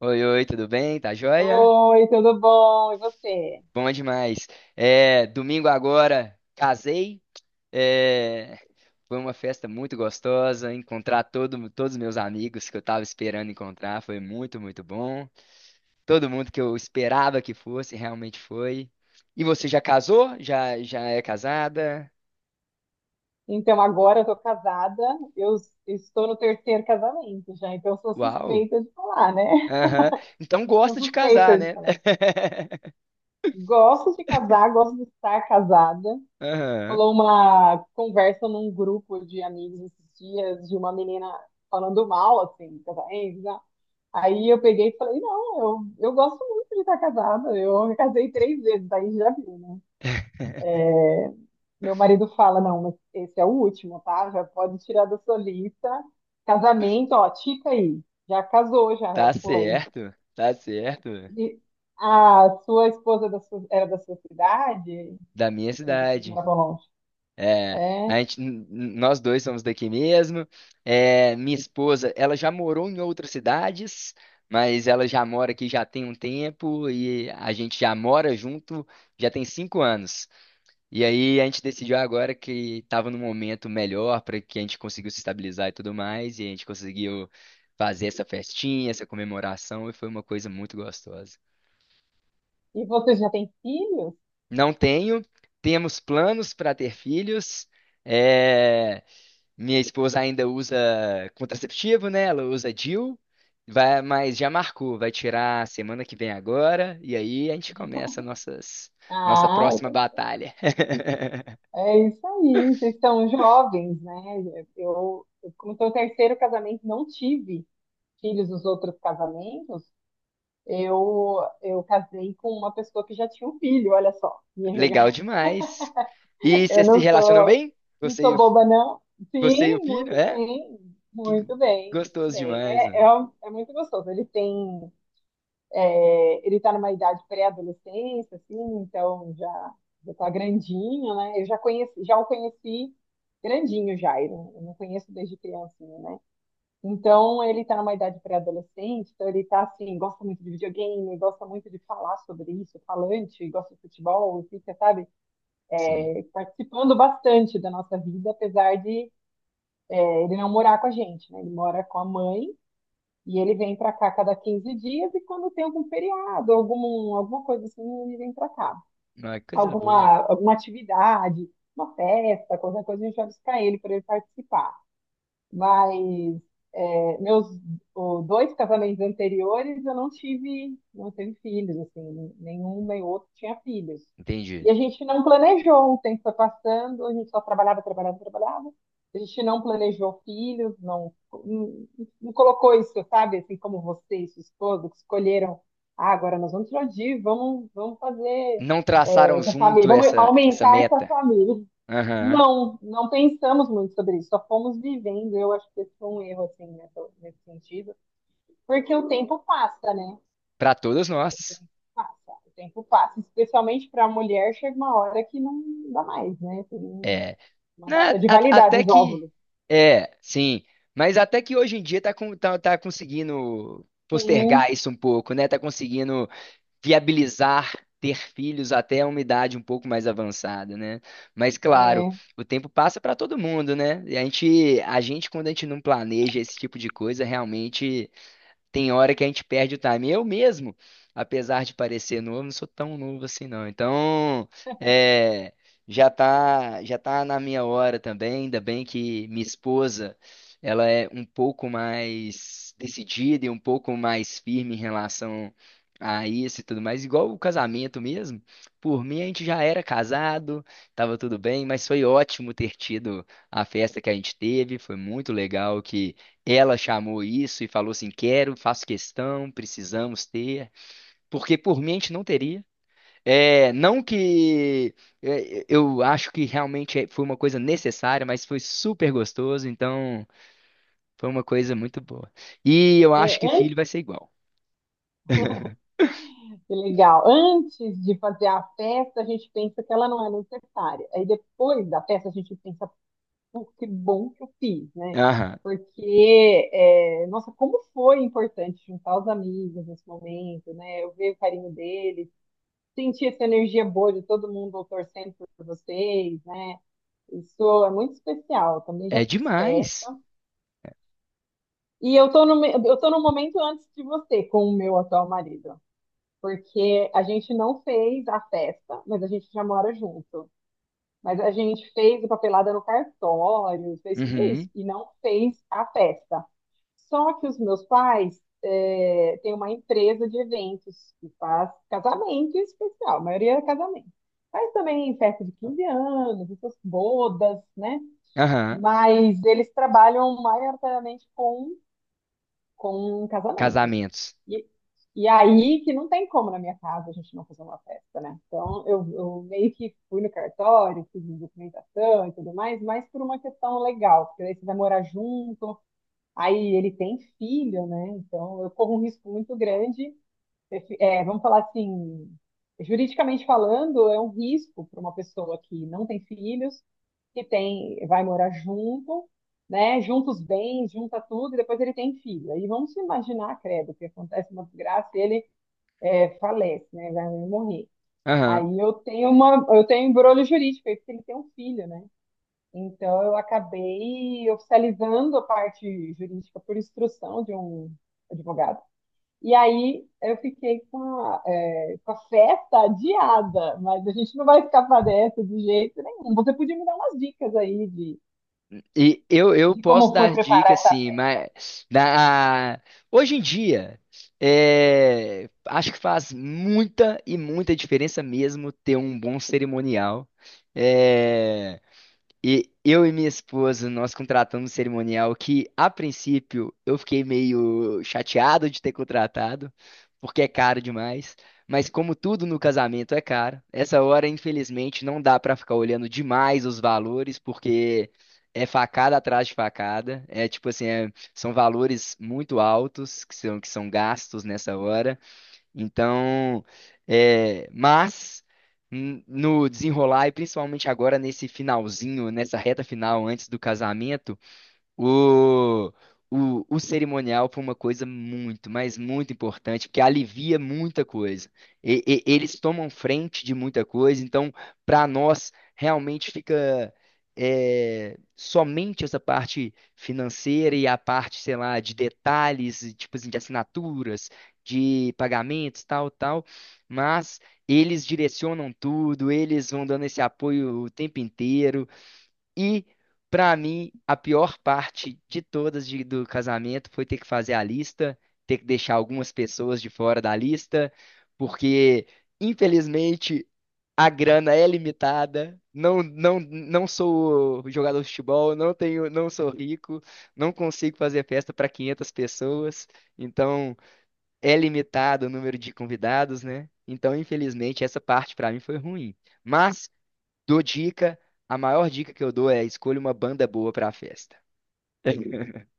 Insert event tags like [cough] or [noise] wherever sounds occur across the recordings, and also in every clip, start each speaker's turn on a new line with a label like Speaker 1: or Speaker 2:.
Speaker 1: Oi, oi, tudo bem? Tá joia?
Speaker 2: Oi, tudo bom? E você?
Speaker 1: Bom demais. Domingo agora, casei. É, Foi uma festa muito gostosa. Encontrar todos os meus amigos que eu tava esperando encontrar foi muito bom. Todo mundo que eu esperava que fosse, realmente foi. E você já casou? Já é casada?
Speaker 2: Então, agora eu tô casada, estou no terceiro casamento já, então eu sou
Speaker 1: Uau!
Speaker 2: suspeita de falar, né? [laughs]
Speaker 1: Aham. Então
Speaker 2: Sou
Speaker 1: gosta de casar,
Speaker 2: suspeita de
Speaker 1: né?
Speaker 2: falar.
Speaker 1: [laughs]
Speaker 2: Gosto de casar, gosto de estar casada.
Speaker 1: Aham.
Speaker 2: Rolou uma conversa num grupo de amigos esses dias de uma menina falando mal, assim, de casamento, né? Aí eu peguei e falei, não, eu gosto muito de estar casada, eu me casei três vezes, aí já vi.
Speaker 1: [laughs]
Speaker 2: Meu marido fala, não, mas esse é o último, tá? Já pode tirar da sua lista. Casamento, ó, tica aí. Já casou, já foi.
Speaker 1: Tá certo.
Speaker 2: E a sua esposa era da sua cidade?
Speaker 1: Da minha
Speaker 2: E vocês
Speaker 1: cidade.
Speaker 2: moravam longe.
Speaker 1: É, a
Speaker 2: É.
Speaker 1: gente, nós dois somos daqui mesmo. É, minha esposa, ela já morou em outras cidades, mas ela já mora aqui já tem um tempo e a gente já mora junto já tem cinco anos. E aí a gente decidiu agora que estava num momento melhor para que a gente conseguiu se estabilizar e tudo mais, e a gente conseguiu fazer essa festinha, essa comemoração, e foi uma coisa muito gostosa.
Speaker 2: E vocês já têm filhos?
Speaker 1: Não tenho, temos planos para ter filhos. é, Minha esposa ainda usa contraceptivo, né? Ela usa DIU, vai, mas já marcou, vai tirar semana que vem agora, e aí a gente começa nossas, nossa
Speaker 2: Ah,
Speaker 1: próxima
Speaker 2: então
Speaker 1: batalha. [laughs]
Speaker 2: é isso aí. Vocês são jovens, né? Eu como estou no terceiro casamento, não tive filhos nos outros casamentos. Eu casei com uma pessoa que já tinha um filho, olha só. Minha
Speaker 1: Legal demais. E
Speaker 2: Eu
Speaker 1: vocês se
Speaker 2: não
Speaker 1: relacionam
Speaker 2: sou,
Speaker 1: bem?
Speaker 2: não
Speaker 1: Você
Speaker 2: sou boba, não.
Speaker 1: você e o
Speaker 2: Sim,
Speaker 1: filho,
Speaker 2: muito
Speaker 1: é?
Speaker 2: bem,
Speaker 1: Que
Speaker 2: muito bem, muito
Speaker 1: gostoso
Speaker 2: bem.
Speaker 1: demais,
Speaker 2: É,
Speaker 1: mano.
Speaker 2: é, um- é muito gostoso. Ele está numa idade pré-adolescência, assim, então já está grandinho, né? Já o conheci grandinho já. Eu não conheço desde criancinha, né? Então ele está numa idade pré-adolescente, então ele está assim, gosta muito de videogame, gosta muito de falar sobre isso, falante, gosta de futebol, fica, sabe?
Speaker 1: Sim.
Speaker 2: Participando bastante da nossa vida, apesar de ele não morar com a gente, né? Ele mora com a mãe e ele vem para cá cada 15 dias e quando tem algum feriado, algum, alguma coisa assim, ele vem para cá.
Speaker 1: Não, é coisa boa.
Speaker 2: Alguma atividade, uma festa, qualquer coisa, a gente vai buscar ele para ele participar. Mas é, meus dois casamentos anteriores eu não tive filhos, assim, nenhum nem outro tinha filhos.
Speaker 1: Entendi.
Speaker 2: E a gente não planejou, o tempo foi passando, a gente só trabalhava, trabalhava, trabalhava. A gente não planejou filhos, não, não, não colocou isso, sabe, assim como você e sua esposa, que escolheram, ah, agora nós vamos explodir, vamos fazer
Speaker 1: Não traçaram
Speaker 2: essa família,
Speaker 1: junto
Speaker 2: vamos
Speaker 1: essa
Speaker 2: aumentar essa
Speaker 1: meta.
Speaker 2: família.
Speaker 1: Aham.
Speaker 2: Não, não pensamos muito sobre isso, só fomos vivendo. Eu acho que esse foi um erro, assim, nesse sentido. Porque o tempo passa, né?
Speaker 1: Pra todos nós.
Speaker 2: Passa, o tempo passa. Especialmente para a mulher, chega uma hora que não dá mais, né? Tem
Speaker 1: É.
Speaker 2: uma
Speaker 1: Né,
Speaker 2: data de
Speaker 1: a-
Speaker 2: validade
Speaker 1: até
Speaker 2: dos
Speaker 1: que.
Speaker 2: óvulos.
Speaker 1: É, sim. Mas até que hoje em dia tá conseguindo
Speaker 2: Sim,
Speaker 1: postergar isso um pouco, né? Tá conseguindo viabilizar ter filhos até uma idade um pouco mais avançada, né? Mas claro,
Speaker 2: é,
Speaker 1: o tempo passa para todo mundo, né? E a gente, quando a gente não planeja esse tipo de coisa, realmente. Tem hora que a gente perde o time. Eu mesmo, apesar de parecer novo, não sou tão novo assim, não. Então, é, já tá na minha hora também. Ainda bem que minha esposa, ela é um pouco mais decidida e um pouco mais firme em relação a isso e tudo mais. Igual o casamento mesmo. Por mim, a gente já era casado, tava tudo bem, mas foi ótimo ter tido a festa que a gente teve. Foi muito legal, ela chamou isso e falou assim: quero, faço questão, precisamos ter, porque por mim a gente não teria. É, não que é, eu acho que realmente foi uma coisa necessária, mas foi super gostoso, então foi uma coisa muito boa. E eu acho
Speaker 2: é
Speaker 1: que
Speaker 2: antes,
Speaker 1: filho vai ser igual.
Speaker 2: que legal. Antes de fazer a festa, a gente pensa que ela não é necessária. Aí depois da festa, a gente pensa, pô, que bom que eu fiz, né?
Speaker 1: Aham.
Speaker 2: Porque, nossa, como foi importante juntar os amigos nesse momento, né? Eu ver o carinho deles, sentir essa energia boa de todo mundo torcendo por vocês, né? Isso é muito especial. Também já
Speaker 1: É
Speaker 2: fiz
Speaker 1: demais.
Speaker 2: festa. Eu tô no momento antes de você com o meu atual marido. Porque a gente não fez a festa, mas a gente já mora junto. Mas a gente fez a papelada no cartório, fez tudo isso,
Speaker 1: Uhum.
Speaker 2: e não fez a festa. Só que os meus pais têm uma empresa de eventos que faz casamento em especial, a maioria é casamento. Faz também festa de 15 anos, essas bodas, né?
Speaker 1: Aham.
Speaker 2: Mas eles trabalham maioritariamente com casamentos.
Speaker 1: Casamentos.
Speaker 2: E, e aí que não tem como na minha casa a gente não fazer uma festa, né? Então eu meio que fui no cartório, fiz documentação e tudo mais, mas por uma questão legal, porque aí você vai morar junto, aí ele tem filho, né? Então eu corro um risco muito grande, vamos falar assim, juridicamente falando, é um risco para uma pessoa que não tem filhos, que tem, vai morar junto, né? Junta os bens, junta tudo, e depois ele tem filho. Aí vamos imaginar, credo, que acontece uma desgraça e ele falece, né? Vai morrer.
Speaker 1: Aham.
Speaker 2: Aí eu tenho um embrulho jurídico, aí porque ele tem um filho, né? Então eu acabei oficializando a parte jurídica por instrução de um advogado. E aí eu fiquei com a festa adiada, mas a gente não vai escapar dessa de jeito nenhum. Você podia me dar umas dicas aí de,
Speaker 1: E eu
Speaker 2: de
Speaker 1: posso
Speaker 2: como foi
Speaker 1: dar dica,
Speaker 2: preparar essa festa.
Speaker 1: hoje em dia, acho que faz muita e muita diferença mesmo ter um bom cerimonial. É, e eu e minha esposa, nós contratamos um cerimonial que, a princípio, eu fiquei meio chateado de ter contratado, porque é caro demais. Mas como tudo no casamento é caro, essa hora, infelizmente, não dá pra ficar olhando demais os valores, porque é facada atrás de facada. É tipo assim, são valores muito altos que que são gastos nessa hora. Então, é, mas no desenrolar, e principalmente agora nesse finalzinho, nessa reta final antes do casamento, o, o cerimonial foi uma coisa muito, mas muito importante, porque alivia muita coisa. Eles tomam frente de muita coisa, então, para nós, realmente fica somente essa parte financeira e a parte, sei lá, de detalhes, tipo assim, de assinaturas, de pagamentos, tal, tal, mas eles direcionam tudo, eles vão dando esse apoio o tempo inteiro. E, pra mim, a pior parte de todas do casamento foi ter que fazer a lista, ter que deixar algumas pessoas de fora da lista, porque, infelizmente, a grana é limitada. Não sou jogador de futebol, não tenho, não sou rico, não consigo fazer festa para 500 pessoas, então é limitado o número de convidados, né? Então, infelizmente, essa parte pra mim foi ruim. Mas dou dica. A maior dica que eu dou é: escolha uma banda boa pra festa. [laughs]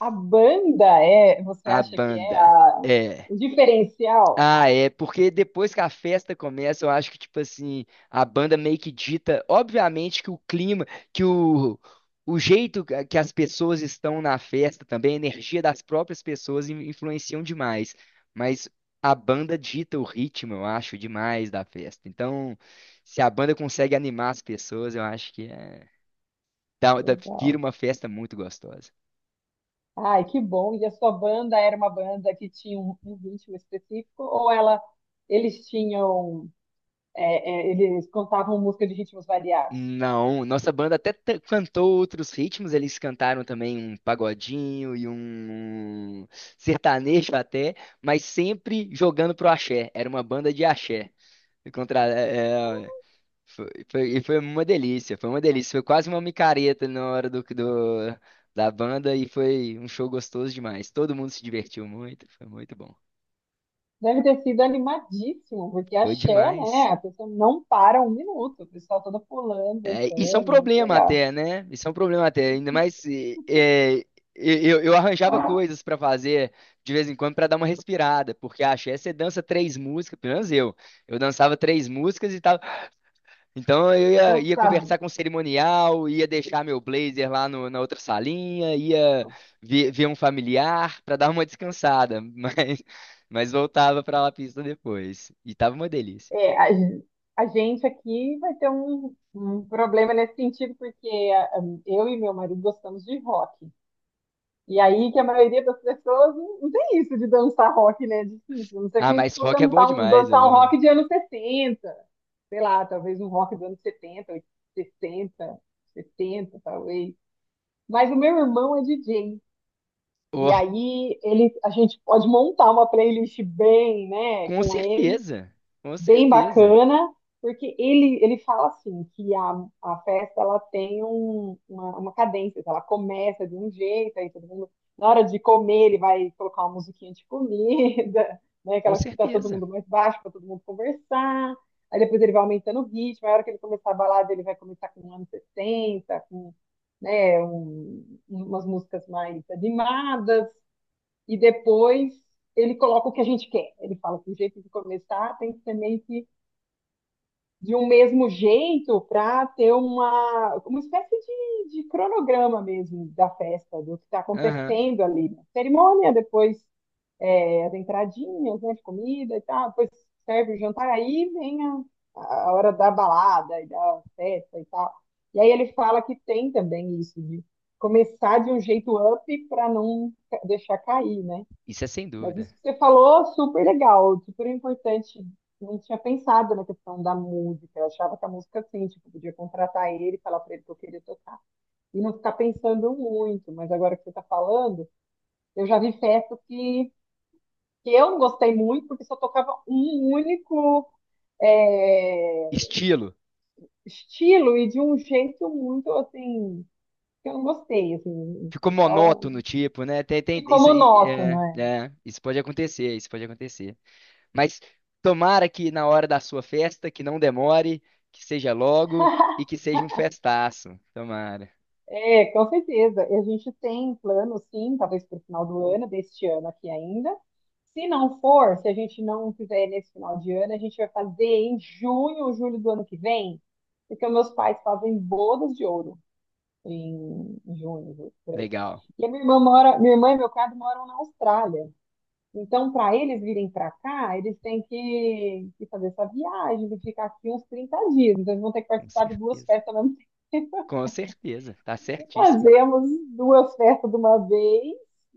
Speaker 2: Você
Speaker 1: A
Speaker 2: acha que é
Speaker 1: banda é.
Speaker 2: o diferencial?
Speaker 1: Ah, é, porque depois que a festa começa, eu acho que, tipo assim, a banda meio que dita, obviamente, que o clima, que o, o jeito que as pessoas estão na festa também, a energia das próprias pessoas influenciam demais. Mas a banda dita o ritmo, eu acho, demais da festa. Então, se a banda consegue animar as pessoas, eu acho que é. Vira
Speaker 2: Legal.
Speaker 1: uma festa muito gostosa.
Speaker 2: Ai, que bom. E a sua banda era uma banda que tinha um ritmo específico ou ela, eles tinham, é, é, eles cantavam música de ritmos variados?
Speaker 1: Não, nossa banda até cantou outros ritmos, eles cantaram também um pagodinho e um sertanejo até, mas sempre jogando pro axé. Era uma banda de axé. E Contra, é, é, foi, foi- e foi uma delícia, foi uma delícia. Foi quase uma micareta na hora da banda e foi um show gostoso demais. Todo mundo se divertiu muito, foi muito bom.
Speaker 2: Deve ter sido animadíssimo, porque
Speaker 1: Foi
Speaker 2: axé,
Speaker 1: demais.
Speaker 2: né? A pessoa não para um minuto, o pessoal toda pulando,
Speaker 1: É, isso é um
Speaker 2: dançando, muito
Speaker 1: problema
Speaker 2: legal.
Speaker 1: até, né? Isso é um problema até, ainda mais eu arranjava coisas pra fazer de vez em quando pra dar uma respirada, porque a axé você dança três músicas, pelo menos eu dançava três músicas e tal, então
Speaker 2: Então,
Speaker 1: ia
Speaker 2: sabe,
Speaker 1: conversar com o cerimonial, ia deixar meu blazer lá na outra salinha, ia ver um familiar pra dar uma descansada, [laughs] mas voltava pra lá pista depois, e tava uma delícia.
Speaker 2: é, a, gen- a gente aqui vai ter um problema nesse sentido, porque eu e meu marido gostamos de rock. E aí que a maioria das pessoas não tem isso de dançar rock, né? É difícil. A não ser que
Speaker 1: Ah,
Speaker 2: a gente
Speaker 1: mas
Speaker 2: for
Speaker 1: rock é bom demais,
Speaker 2: dançar um rock de anos 60, sei lá, talvez um rock dos anos 70, sessenta, 70, talvez. Mas o meu irmão é DJ.
Speaker 1: ó.
Speaker 2: E aí a gente pode montar uma playlist bem, né,
Speaker 1: Com
Speaker 2: com ele,
Speaker 1: certeza, com
Speaker 2: bem
Speaker 1: certeza,
Speaker 2: bacana, porque ele fala assim que a festa ela tem uma cadência, ela começa de um jeito, aí todo mundo, na hora de comer, ele vai colocar uma musiquinha de comida, [laughs] né,
Speaker 1: com
Speaker 2: aquela que tá todo
Speaker 1: certeza.
Speaker 2: mundo mais baixo para todo mundo conversar. Aí depois ele vai aumentando o ritmo, aí a hora que ele começar a balada, ele vai começar com um anos 60 com, né, umas músicas mais animadas e depois ele coloca o que a gente quer. Ele fala que o jeito de começar tem que ser meio que de um mesmo jeito para ter uma espécie de cronograma mesmo da festa, do que está
Speaker 1: Aham,
Speaker 2: acontecendo ali. Né? Cerimônia, depois as entradinhas, né, de comida e tal, depois serve o jantar, aí vem a hora da balada e da festa e tal. E aí ele fala que tem também isso de começar de um jeito up para não deixar cair, né?
Speaker 1: isso é sem
Speaker 2: Mas
Speaker 1: dúvida.
Speaker 2: isso que você falou, super legal, super importante. Não tinha pensado na questão da música. Eu achava que a música, assim, tipo, podia contratar ele e falar para ele que eu queria tocar. E não ficar pensando muito. Mas agora que você está falando, eu já vi festas que eu não gostei muito, porque só tocava um único, é,
Speaker 1: Estilo.
Speaker 2: estilo, e de um jeito muito, assim, que eu não gostei, assim.
Speaker 1: Ficou
Speaker 2: Foi só.
Speaker 1: monótono, tipo, né?
Speaker 2: Ficou
Speaker 1: Isso, aí,
Speaker 2: monótono, é.
Speaker 1: é, isso pode acontecer, isso pode acontecer. Mas tomara que na hora da sua festa, que não demore, que seja logo e que seja um festaço. Tomara.
Speaker 2: É, com certeza. E a gente tem plano, sim, talvez para o final do ano, deste ano aqui ainda. Se não for, se a gente não fizer nesse final de ano, a gente vai fazer em junho ou julho do ano que vem, porque meus pais fazem bodas de ouro em junho, julho, por aí.
Speaker 1: Legal.
Speaker 2: E a minha irmã mora, minha irmã e meu cunhado moram na Austrália. Então, para eles virem para cá, eles têm que fazer essa viagem, de ficar aqui uns 30 dias. Então, eles vão ter que
Speaker 1: Com
Speaker 2: participar de duas
Speaker 1: certeza.
Speaker 2: festas ao mesmo [laughs] tempo.
Speaker 1: Com certeza. Tá certíssimo.
Speaker 2: Fazemos duas festas de uma vez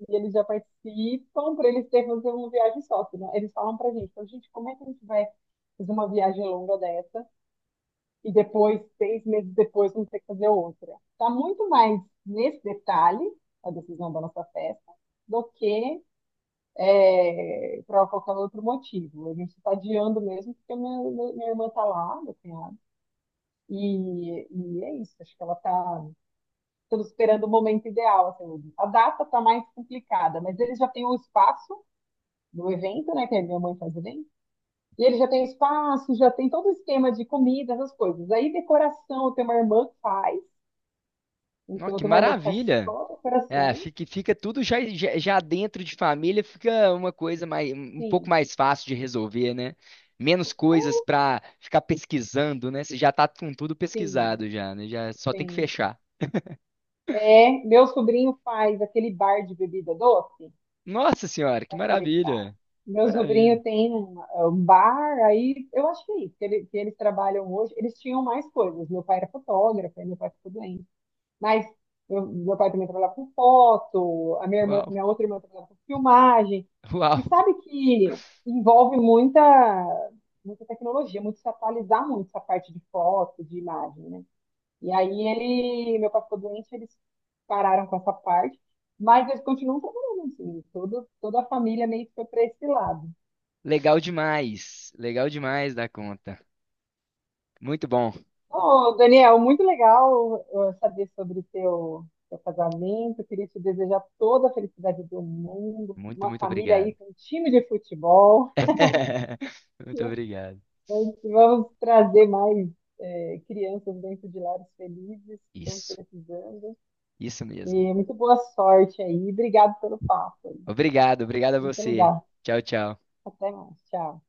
Speaker 2: e eles já participam para eles terem fazer uma viagem só. Senão eles falam para gente, então, gente, como é que a gente vai fazer uma viagem longa dessa e depois, 6 meses depois, vamos ter que fazer outra? Está muito mais nesse detalhe a decisão da nossa festa do que, para qualquer outro motivo. A gente está adiando mesmo porque minha irmã está lá, meu cunhado, e é isso. Acho que ela está, todos esperando o momento ideal. Assim, a data está mais complicada, mas eles já têm o espaço do evento, né? Que a minha mãe faz evento. E ele já tem espaço, já tem todo o esquema de comida, essas coisas. Aí decoração, eu tenho uma irmã que faz.
Speaker 1: Nó,
Speaker 2: Então eu
Speaker 1: que
Speaker 2: tenho uma irmã que faz
Speaker 1: maravilha.
Speaker 2: só
Speaker 1: É,
Speaker 2: decoração.
Speaker 1: fica tudo já dentro de família, fica uma coisa mais, um pouco
Speaker 2: Sim,
Speaker 1: mais fácil de resolver, né? Menos
Speaker 2: é,
Speaker 1: coisas pra ficar pesquisando, né? Você já tá com tudo
Speaker 2: sim,
Speaker 1: pesquisado já, né? Já só tem que
Speaker 2: sim.
Speaker 1: fechar.
Speaker 2: É, meu sobrinho faz aquele bar de bebida doce.
Speaker 1: Nossa senhora, que
Speaker 2: Aquele bar.
Speaker 1: maravilha!
Speaker 2: Meu
Speaker 1: Maravilha.
Speaker 2: sobrinho tem um, é um bar, aí eu acho que é isso, que eles trabalham hoje. Eles tinham mais coisas. Meu pai era fotógrafo, aí meu pai ficou doente. Mas meu pai também trabalhava com foto, a minha irmã,
Speaker 1: Uau,
Speaker 2: minha outra irmã trabalhava com filmagem.
Speaker 1: [laughs] uau.
Speaker 2: E sabe que envolve muita, muita tecnologia, muito se atualizar muito essa parte de foto, de imagem, né? E aí meu pai ficou doente, eles pararam com essa parte, mas eles continuam trabalhando assim, todo, toda a família meio que foi para esse lado.
Speaker 1: Legal demais. Legal demais da conta. Muito bom.
Speaker 2: Ô, Daniel, muito legal saber sobre o teu casamento. Eu queria te desejar toda a felicidade do mundo, uma
Speaker 1: Muito
Speaker 2: família
Speaker 1: obrigado.
Speaker 2: aí com um time de futebol.
Speaker 1: [laughs] Muito
Speaker 2: [laughs]
Speaker 1: obrigado.
Speaker 2: Vamos trazer mais crianças dentro de lares felizes, que estão
Speaker 1: Isso.
Speaker 2: precisando,
Speaker 1: Isso mesmo.
Speaker 2: e muito boa sorte aí, obrigado pelo papo, aí.
Speaker 1: Obrigado, obrigado a
Speaker 2: Muito
Speaker 1: você.
Speaker 2: legal.
Speaker 1: Tchau, tchau.
Speaker 2: Até mais. Tchau.